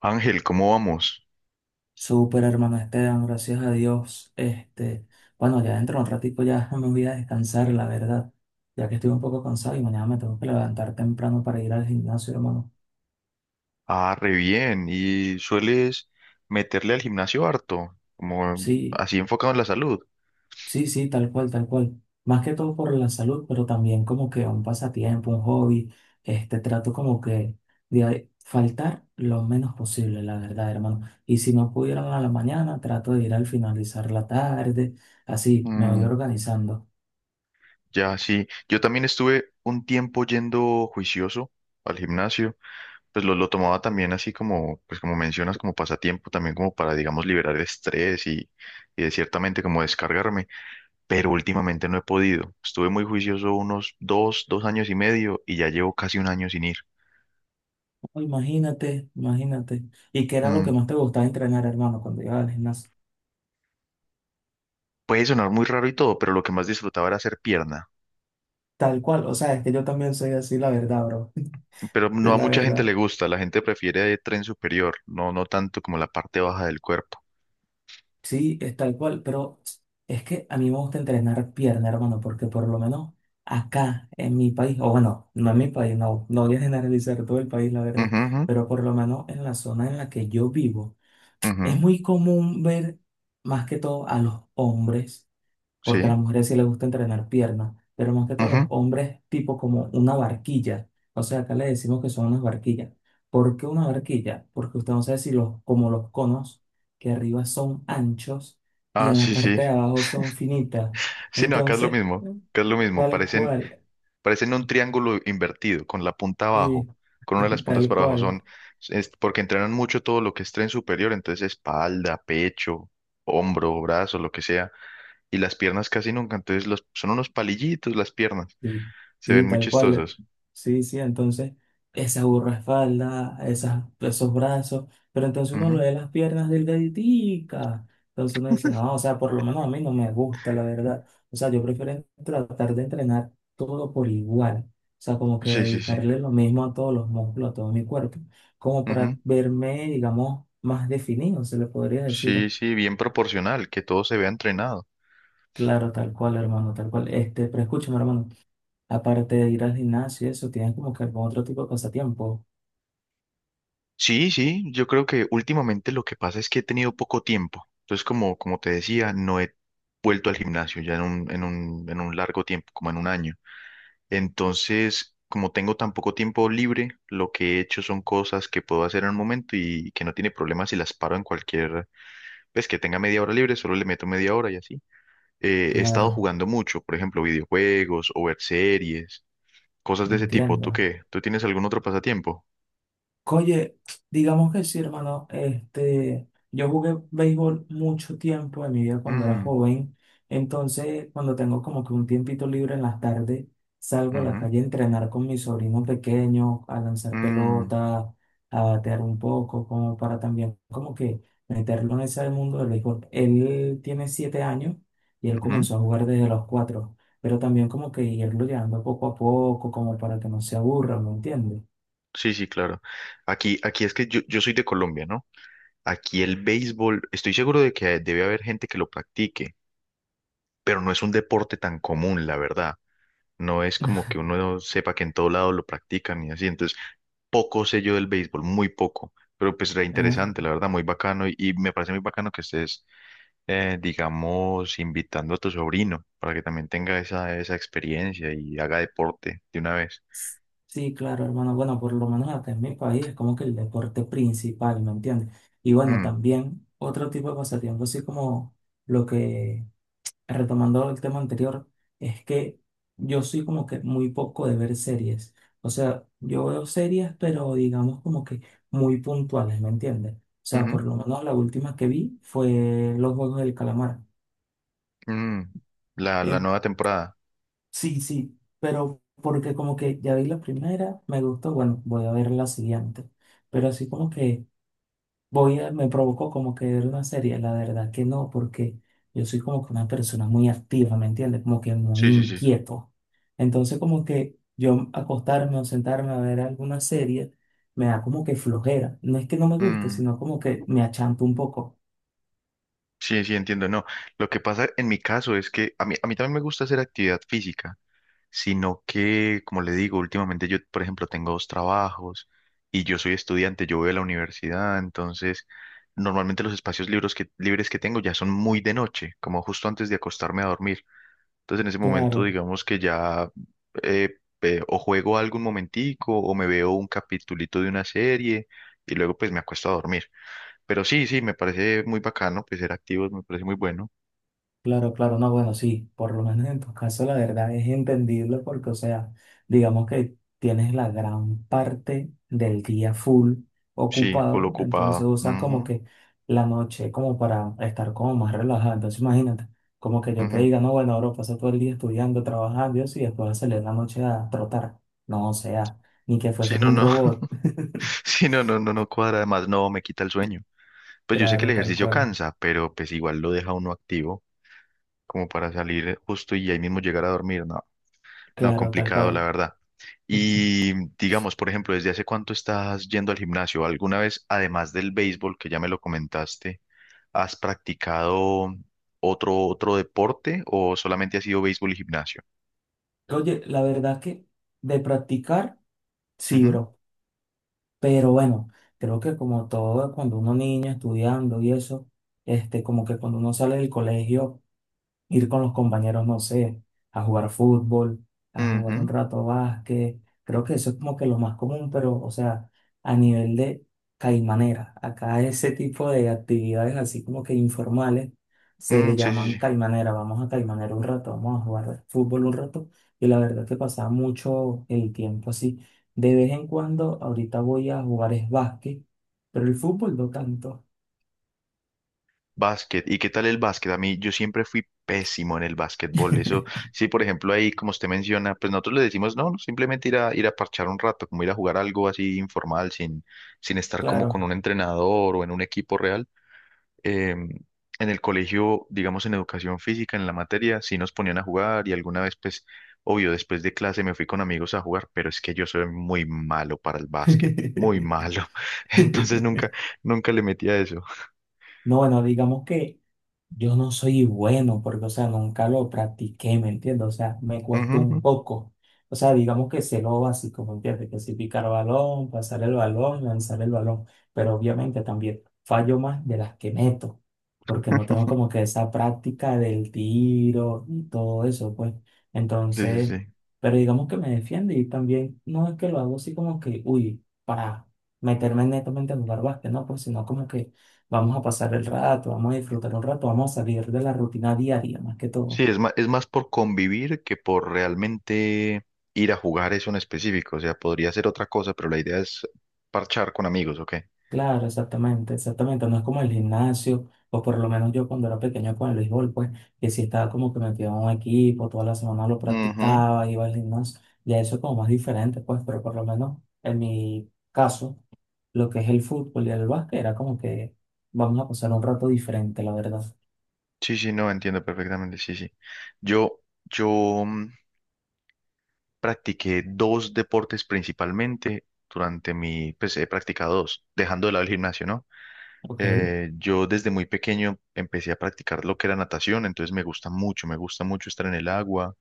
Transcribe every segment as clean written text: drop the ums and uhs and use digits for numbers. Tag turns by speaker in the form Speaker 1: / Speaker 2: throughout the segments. Speaker 1: Ángel, ¿cómo vamos?
Speaker 2: Súper hermano Esteban, gracias a Dios. Bueno, ya dentro de un ratico ya me voy a descansar, la verdad, ya que estoy un poco cansado y mañana me tengo que levantar temprano para ir al gimnasio, hermano.
Speaker 1: Ah, re bien. ¿Y sueles meterle al gimnasio harto? Como
Speaker 2: Sí,
Speaker 1: así enfocado en la salud.
Speaker 2: sí, sí, tal cual, tal cual. Más que todo por la salud, pero también como que un pasatiempo, un hobby. Trato como que de faltar lo menos posible, la verdad, hermano. Y si no pudiera a la mañana, trato de ir al finalizar la tarde, así me voy
Speaker 1: Mm,
Speaker 2: organizando.
Speaker 1: ya, sí. Yo también estuve un tiempo yendo juicioso al gimnasio. Pues lo tomaba también así como, pues como mencionas, como pasatiempo, también como para, digamos, liberar el estrés y de ciertamente como descargarme. Pero últimamente no he podido. Estuve muy juicioso unos dos años y medio y ya llevo casi un año sin ir.
Speaker 2: Oh, imagínate, imagínate. ¿Y qué era lo que
Speaker 1: Mm.
Speaker 2: más te gustaba entrenar, hermano, cuando ibas al gimnasio?
Speaker 1: Puede sonar muy raro y todo, pero lo que más disfrutaba era hacer pierna.
Speaker 2: Tal cual, o sea, es que yo también soy así, la verdad, bro.
Speaker 1: Pero
Speaker 2: De
Speaker 1: no a
Speaker 2: la
Speaker 1: mucha gente
Speaker 2: verdad.
Speaker 1: le gusta, la gente prefiere tren superior, no, no tanto como la parte baja del cuerpo.
Speaker 2: Sí, es tal cual, pero es que a mí me gusta entrenar pierna, hermano, porque por lo menos acá, en mi país, o bueno, no en mi país, no, no voy a generalizar todo el país, la verdad,
Speaker 1: Ujú, ujú,
Speaker 2: pero por lo menos en la zona en la que yo vivo, es
Speaker 1: ujú,
Speaker 2: muy común ver más que todo a los hombres porque a
Speaker 1: sí.
Speaker 2: las mujeres sí les gusta entrenar piernas, pero más que todo a los
Speaker 1: Ujú.
Speaker 2: hombres tipo como una barquilla. O sea, acá le decimos que son unas barquillas. ¿Por qué una barquilla? Porque usted no sabe si los, como los conos que arriba son anchos y
Speaker 1: Ah,
Speaker 2: en la
Speaker 1: sí, sí.
Speaker 2: parte de abajo son finitas.
Speaker 1: Sí, no, acá es lo
Speaker 2: Entonces,
Speaker 1: mismo, acá es lo mismo.
Speaker 2: Tal
Speaker 1: Parecen,
Speaker 2: cual,
Speaker 1: parecen un triángulo invertido, con la punta abajo,
Speaker 2: sí,
Speaker 1: con una de las puntas
Speaker 2: tal
Speaker 1: para abajo.
Speaker 2: cual.
Speaker 1: Es porque entrenan mucho todo lo que es tren superior, entonces espalda, pecho, hombro, brazo, lo que sea. Y las piernas casi nunca, entonces los, son unos palillitos las piernas.
Speaker 2: Sí,
Speaker 1: Se
Speaker 2: sí,
Speaker 1: ven muy
Speaker 2: tal cual.
Speaker 1: chistosos.
Speaker 2: Sí, sí, entonces esa espalda, esas, esos brazos, pero entonces uno lo
Speaker 1: Ujú.
Speaker 2: ve las piernas delgaditicas. Entonces uno dice, no, o sea, por lo menos a mí no me gusta, la verdad. O sea, yo prefiero tratar de entrenar todo por igual. O sea, como que
Speaker 1: Sí, sí, sí.
Speaker 2: dedicarle lo mismo a todos los músculos, a todo mi cuerpo, como
Speaker 1: Ujú.
Speaker 2: para verme, digamos, más definido, se le podría
Speaker 1: Sí,
Speaker 2: decir.
Speaker 1: sí, bien proporcional, que todo se vea entrenado.
Speaker 2: Claro, tal cual, hermano, tal cual. Pero escúchame, hermano. Aparte de ir al gimnasio, eso, tienes como que algún otro tipo de pasatiempo.
Speaker 1: Sí, sí, yo creo que últimamente lo que pasa es que he tenido poco tiempo. Entonces, como te decía, no he vuelto al gimnasio ya en un largo tiempo, como en un año. Entonces, como tengo tan poco tiempo libre, lo que he hecho son cosas que puedo hacer en un momento y que no tiene problema si las paro en cualquier, pues que tenga media hora libre, solo le meto media hora y así. He estado
Speaker 2: Claro,
Speaker 1: jugando mucho, por ejemplo, videojuegos o ver series. Cosas de ese tipo. ¿Tú
Speaker 2: entiendo.
Speaker 1: qué? ¿Tú tienes algún otro pasatiempo?
Speaker 2: Oye, digamos que sí, hermano. Yo jugué béisbol mucho tiempo en mi vida cuando era
Speaker 1: Mm,
Speaker 2: joven. Entonces, cuando tengo como que un tiempito libre en las tardes, salgo a la
Speaker 1: ujú,
Speaker 2: calle a entrenar con mis sobrinos pequeños, a lanzar
Speaker 1: mm,
Speaker 2: pelota, a batear un poco, como para también como que meterlo en ese mundo del béisbol. Él tiene 7 años y él
Speaker 1: ujú.
Speaker 2: comenzó a jugar desde los 4, pero también como que irlo llevando poco a poco, como para que no se aburra, ¿me entiendes?
Speaker 1: Sí, sí, claro. Aquí es que yo soy de Colombia, ¿no? Aquí el béisbol, estoy seguro de que debe haber gente que lo practique, pero no es un deporte tan común, la verdad. No es como que uno sepa que en todo lado lo practican y así. Entonces, poco sé yo del béisbol, muy poco. Pero pues era interesante, la verdad, muy bacano y me parece muy bacano que estés digamos, invitando a tu sobrino para que también tenga esa, esa experiencia y haga deporte de una vez.
Speaker 2: Sí, claro, hermano. Bueno, por lo menos acá en mi país es como que el deporte principal, ¿me entiendes? Y bueno,
Speaker 1: Mm,
Speaker 2: también otro tipo de pasatiempo, así como lo que, retomando el tema anterior, es que yo soy como que muy poco de ver series. O sea, yo veo series, pero digamos como que muy puntuales, ¿me entiendes? O sea,
Speaker 1: ujú,
Speaker 2: por lo menos la última que vi fue Los Juegos del Calamar.
Speaker 1: mm. La nueva temporada.
Speaker 2: Sí, sí, pero porque como que ya vi la primera, me gustó, bueno, voy a ver la siguiente. Pero así como que voy a, me provocó como que ver una serie, la verdad que no, porque yo soy como que una persona muy activa, ¿me entiendes? Como que muy
Speaker 1: Sí, sí, sí.
Speaker 2: inquieto. Entonces como que yo acostarme o sentarme a ver alguna serie me da como que flojera. No es que no me guste,
Speaker 1: Mm,
Speaker 2: sino como que me achanto un poco.
Speaker 1: sí, sí, entiendo. No, lo que pasa en mi caso es que a mí también me gusta hacer actividad física, sino que, como le digo, últimamente yo, por ejemplo, tengo dos trabajos y yo soy estudiante, yo voy a la universidad, entonces normalmente los espacios libres libres que tengo ya son muy de noche, como justo antes de acostarme a dormir. Entonces en ese momento
Speaker 2: Claro.
Speaker 1: digamos que ya o juego algo un momentico o me veo un capitulito de una serie y luego pues me acuesto a dormir. Pero sí, sí, me parece muy bacano, pues ser activos me parece muy bueno.
Speaker 2: Claro, claro, no, bueno, sí, por lo menos en tu caso la verdad es entendible porque, o sea, digamos que tienes la gran parte del día full
Speaker 1: Sí, full
Speaker 2: ocupado, entonces
Speaker 1: ocupado.
Speaker 2: usas como
Speaker 1: Ujú,
Speaker 2: que la noche como para estar como más relajado. Entonces imagínate, como que yo te
Speaker 1: ujú.
Speaker 2: diga, no, bueno, ahora pasa todo el día estudiando, trabajando y eso, y después salir en la noche a trotar. No, o sea, ni que
Speaker 1: Sí,
Speaker 2: fueses
Speaker 1: no,
Speaker 2: un
Speaker 1: no.
Speaker 2: robot.
Speaker 1: Sí, no, no, no, no cuadra. Además, no, me quita el sueño. Pues yo sé que el
Speaker 2: Claro, tal
Speaker 1: ejercicio
Speaker 2: cual.
Speaker 1: cansa, pero pues igual lo deja uno activo como para salir justo y ahí mismo llegar a dormir, ¿no? No,
Speaker 2: Claro, tal
Speaker 1: complicado, la
Speaker 2: cual.
Speaker 1: verdad. Y digamos, por ejemplo, ¿desde hace cuánto estás yendo al gimnasio? ¿Alguna vez, además del béisbol, que ya me lo comentaste, has practicado otro deporte o solamente ha sido béisbol y gimnasio?
Speaker 2: Oye, la verdad que de practicar, sí,
Speaker 1: Ujú,
Speaker 2: bro. Pero bueno, creo que como todo, cuando uno niño estudiando y eso, como que cuando uno sale del colegio ir con los compañeros, no sé, a jugar fútbol, a jugar un
Speaker 1: ujú,
Speaker 2: rato básquet. Creo que eso es como que lo más común, pero, o sea, a nivel de caimanera, acá ese tipo de actividades así como que informales se
Speaker 1: mm,
Speaker 2: le
Speaker 1: sí, sí,
Speaker 2: llaman
Speaker 1: sí.
Speaker 2: caimanera. Vamos a caimanera un rato, vamos a jugar fútbol un rato. Y la verdad que pasaba mucho el tiempo así. De vez en cuando, ahorita voy a jugar es básquet, pero el fútbol no tanto.
Speaker 1: Básquet. ¿Y qué tal el básquet? A mí, yo siempre fui pésimo en el básquetbol. Eso, sí, por ejemplo, ahí, como usted menciona, pues nosotros le decimos, no, no, simplemente ir a, parchar un rato, como ir a jugar algo así informal, sin estar como con
Speaker 2: Claro.
Speaker 1: un entrenador o en un equipo real. En el colegio, digamos en educación física, en la materia, sí nos ponían a jugar y alguna vez, pues, obvio, después de clase me fui con amigos a jugar, pero es que yo soy muy malo para el básquet, muy malo. Entonces nunca le metí a eso.
Speaker 2: No, bueno, digamos que yo no soy bueno porque, o sea, nunca lo practiqué, ¿me entiendes? O sea, me
Speaker 1: Ujú,
Speaker 2: cuesta
Speaker 1: ujú.
Speaker 2: un poco. O sea, digamos que sé lo básico, ¿me entiendes? Que si picar balón, pasar el balón, lanzar el balón. Pero obviamente también fallo más de las que meto, porque no tengo como que esa práctica del tiro y todo eso, pues.
Speaker 1: Sí, sí,
Speaker 2: Entonces,
Speaker 1: sí.
Speaker 2: pero digamos que me defiende y también no es que lo hago así como que, uy, para meterme netamente a jugar básquet, ¿no? Pues sino como que vamos a pasar el rato, vamos a disfrutar un rato, vamos a salir de la rutina diaria más que
Speaker 1: Sí,
Speaker 2: todo.
Speaker 1: es más por convivir que por realmente ir a jugar eso en específico. O sea, podría ser otra cosa, pero la idea es parchar con amigos, ¿ok?
Speaker 2: Claro, exactamente, exactamente. No es como el gimnasio, o por lo menos yo cuando era pequeño con el béisbol, pues, que si estaba como que metido en un equipo, toda la semana lo
Speaker 1: Ujú.
Speaker 2: practicaba, iba al gimnasio. Ya eso es como más diferente, pues, pero por lo menos en mi caso, lo que es el fútbol y el básquet era como que vamos a pasar un rato diferente, la verdad.
Speaker 1: Sí, sí, no, entiendo perfectamente, sí, sí. Yo, yo, mm, practiqué dos deportes principalmente durante mi, pues he practicado dos, dejando de lado el gimnasio, ¿no?
Speaker 2: Ok,
Speaker 1: Yo desde muy pequeño empecé a practicar lo que era natación, entonces me gusta mucho estar en el agua,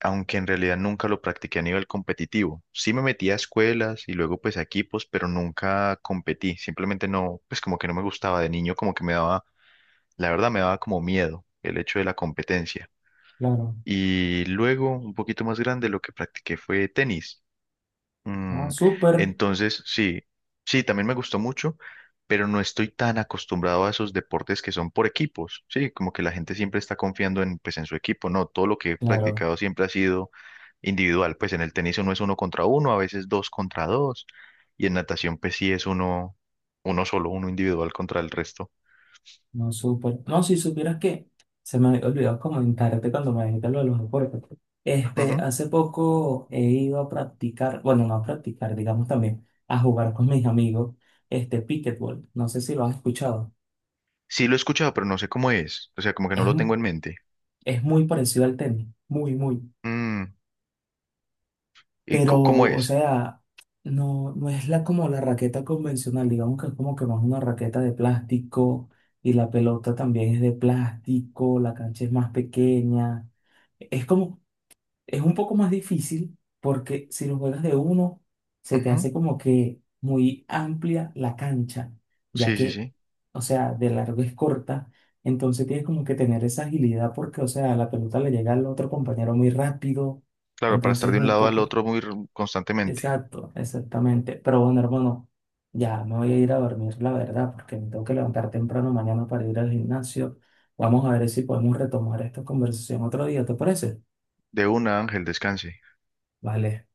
Speaker 1: aunque en realidad nunca lo practiqué a nivel competitivo. Sí me metí a escuelas y luego pues a equipos, pero nunca competí, simplemente no, pues como que no me gustaba de niño, como que me daba, la verdad me daba como miedo el hecho de la competencia.
Speaker 2: claro.
Speaker 1: Y luego, un poquito más grande, lo que practiqué fue tenis.
Speaker 2: Ah,
Speaker 1: Mm,
Speaker 2: súper,
Speaker 1: entonces, sí, sí, también me gustó mucho, pero no estoy tan acostumbrado a esos deportes que son por equipos, sí, como que la gente siempre está confiando en, pues, en su equipo, no, todo lo que he
Speaker 2: claro.
Speaker 1: practicado siempre ha sido individual, pues en el tenis uno es uno contra uno, a veces dos contra dos, y en natación pues sí es uno, uno solo, uno individual contra el resto.
Speaker 2: No, súper. No, si supieras que se me había olvidado comentarte cuando me dijiste lo de los deportes.
Speaker 1: Ujú.
Speaker 2: Hace poco he ido a practicar, bueno, no a practicar, digamos también, a jugar con mis amigos, pickleball. No sé si lo has escuchado.
Speaker 1: Sí lo he escuchado, pero no sé cómo es, o sea, como que no
Speaker 2: Es,
Speaker 1: lo tengo en mente.
Speaker 2: es muy parecido al tenis, muy, muy.
Speaker 1: Mm, ¿Y
Speaker 2: Pero,
Speaker 1: cómo
Speaker 2: o
Speaker 1: es?
Speaker 2: sea, no, no es la, como la raqueta convencional, digamos que es como que más una raqueta de plástico y la pelota también es de plástico, la cancha es más pequeña. Es como es un poco más difícil porque si lo juegas de uno, se te
Speaker 1: Ujú.
Speaker 2: hace como que muy amplia la cancha, ya
Speaker 1: Sí, sí,
Speaker 2: que,
Speaker 1: sí.
Speaker 2: o sea, de largo es corta, entonces tienes como que tener esa agilidad porque, o sea, la pelota le llega al otro compañero muy rápido,
Speaker 1: Claro, para estar
Speaker 2: entonces es
Speaker 1: de un
Speaker 2: un
Speaker 1: lado al
Speaker 2: poco,
Speaker 1: otro muy constantemente.
Speaker 2: exacto, exactamente. Pero bueno, hermano, ya me voy a ir a dormir, la verdad, porque me tengo que levantar temprano mañana para ir al gimnasio. Vamos a ver si podemos retomar esta conversación otro día, ¿te parece?
Speaker 1: De una, Ángel, descanse.
Speaker 2: Vale.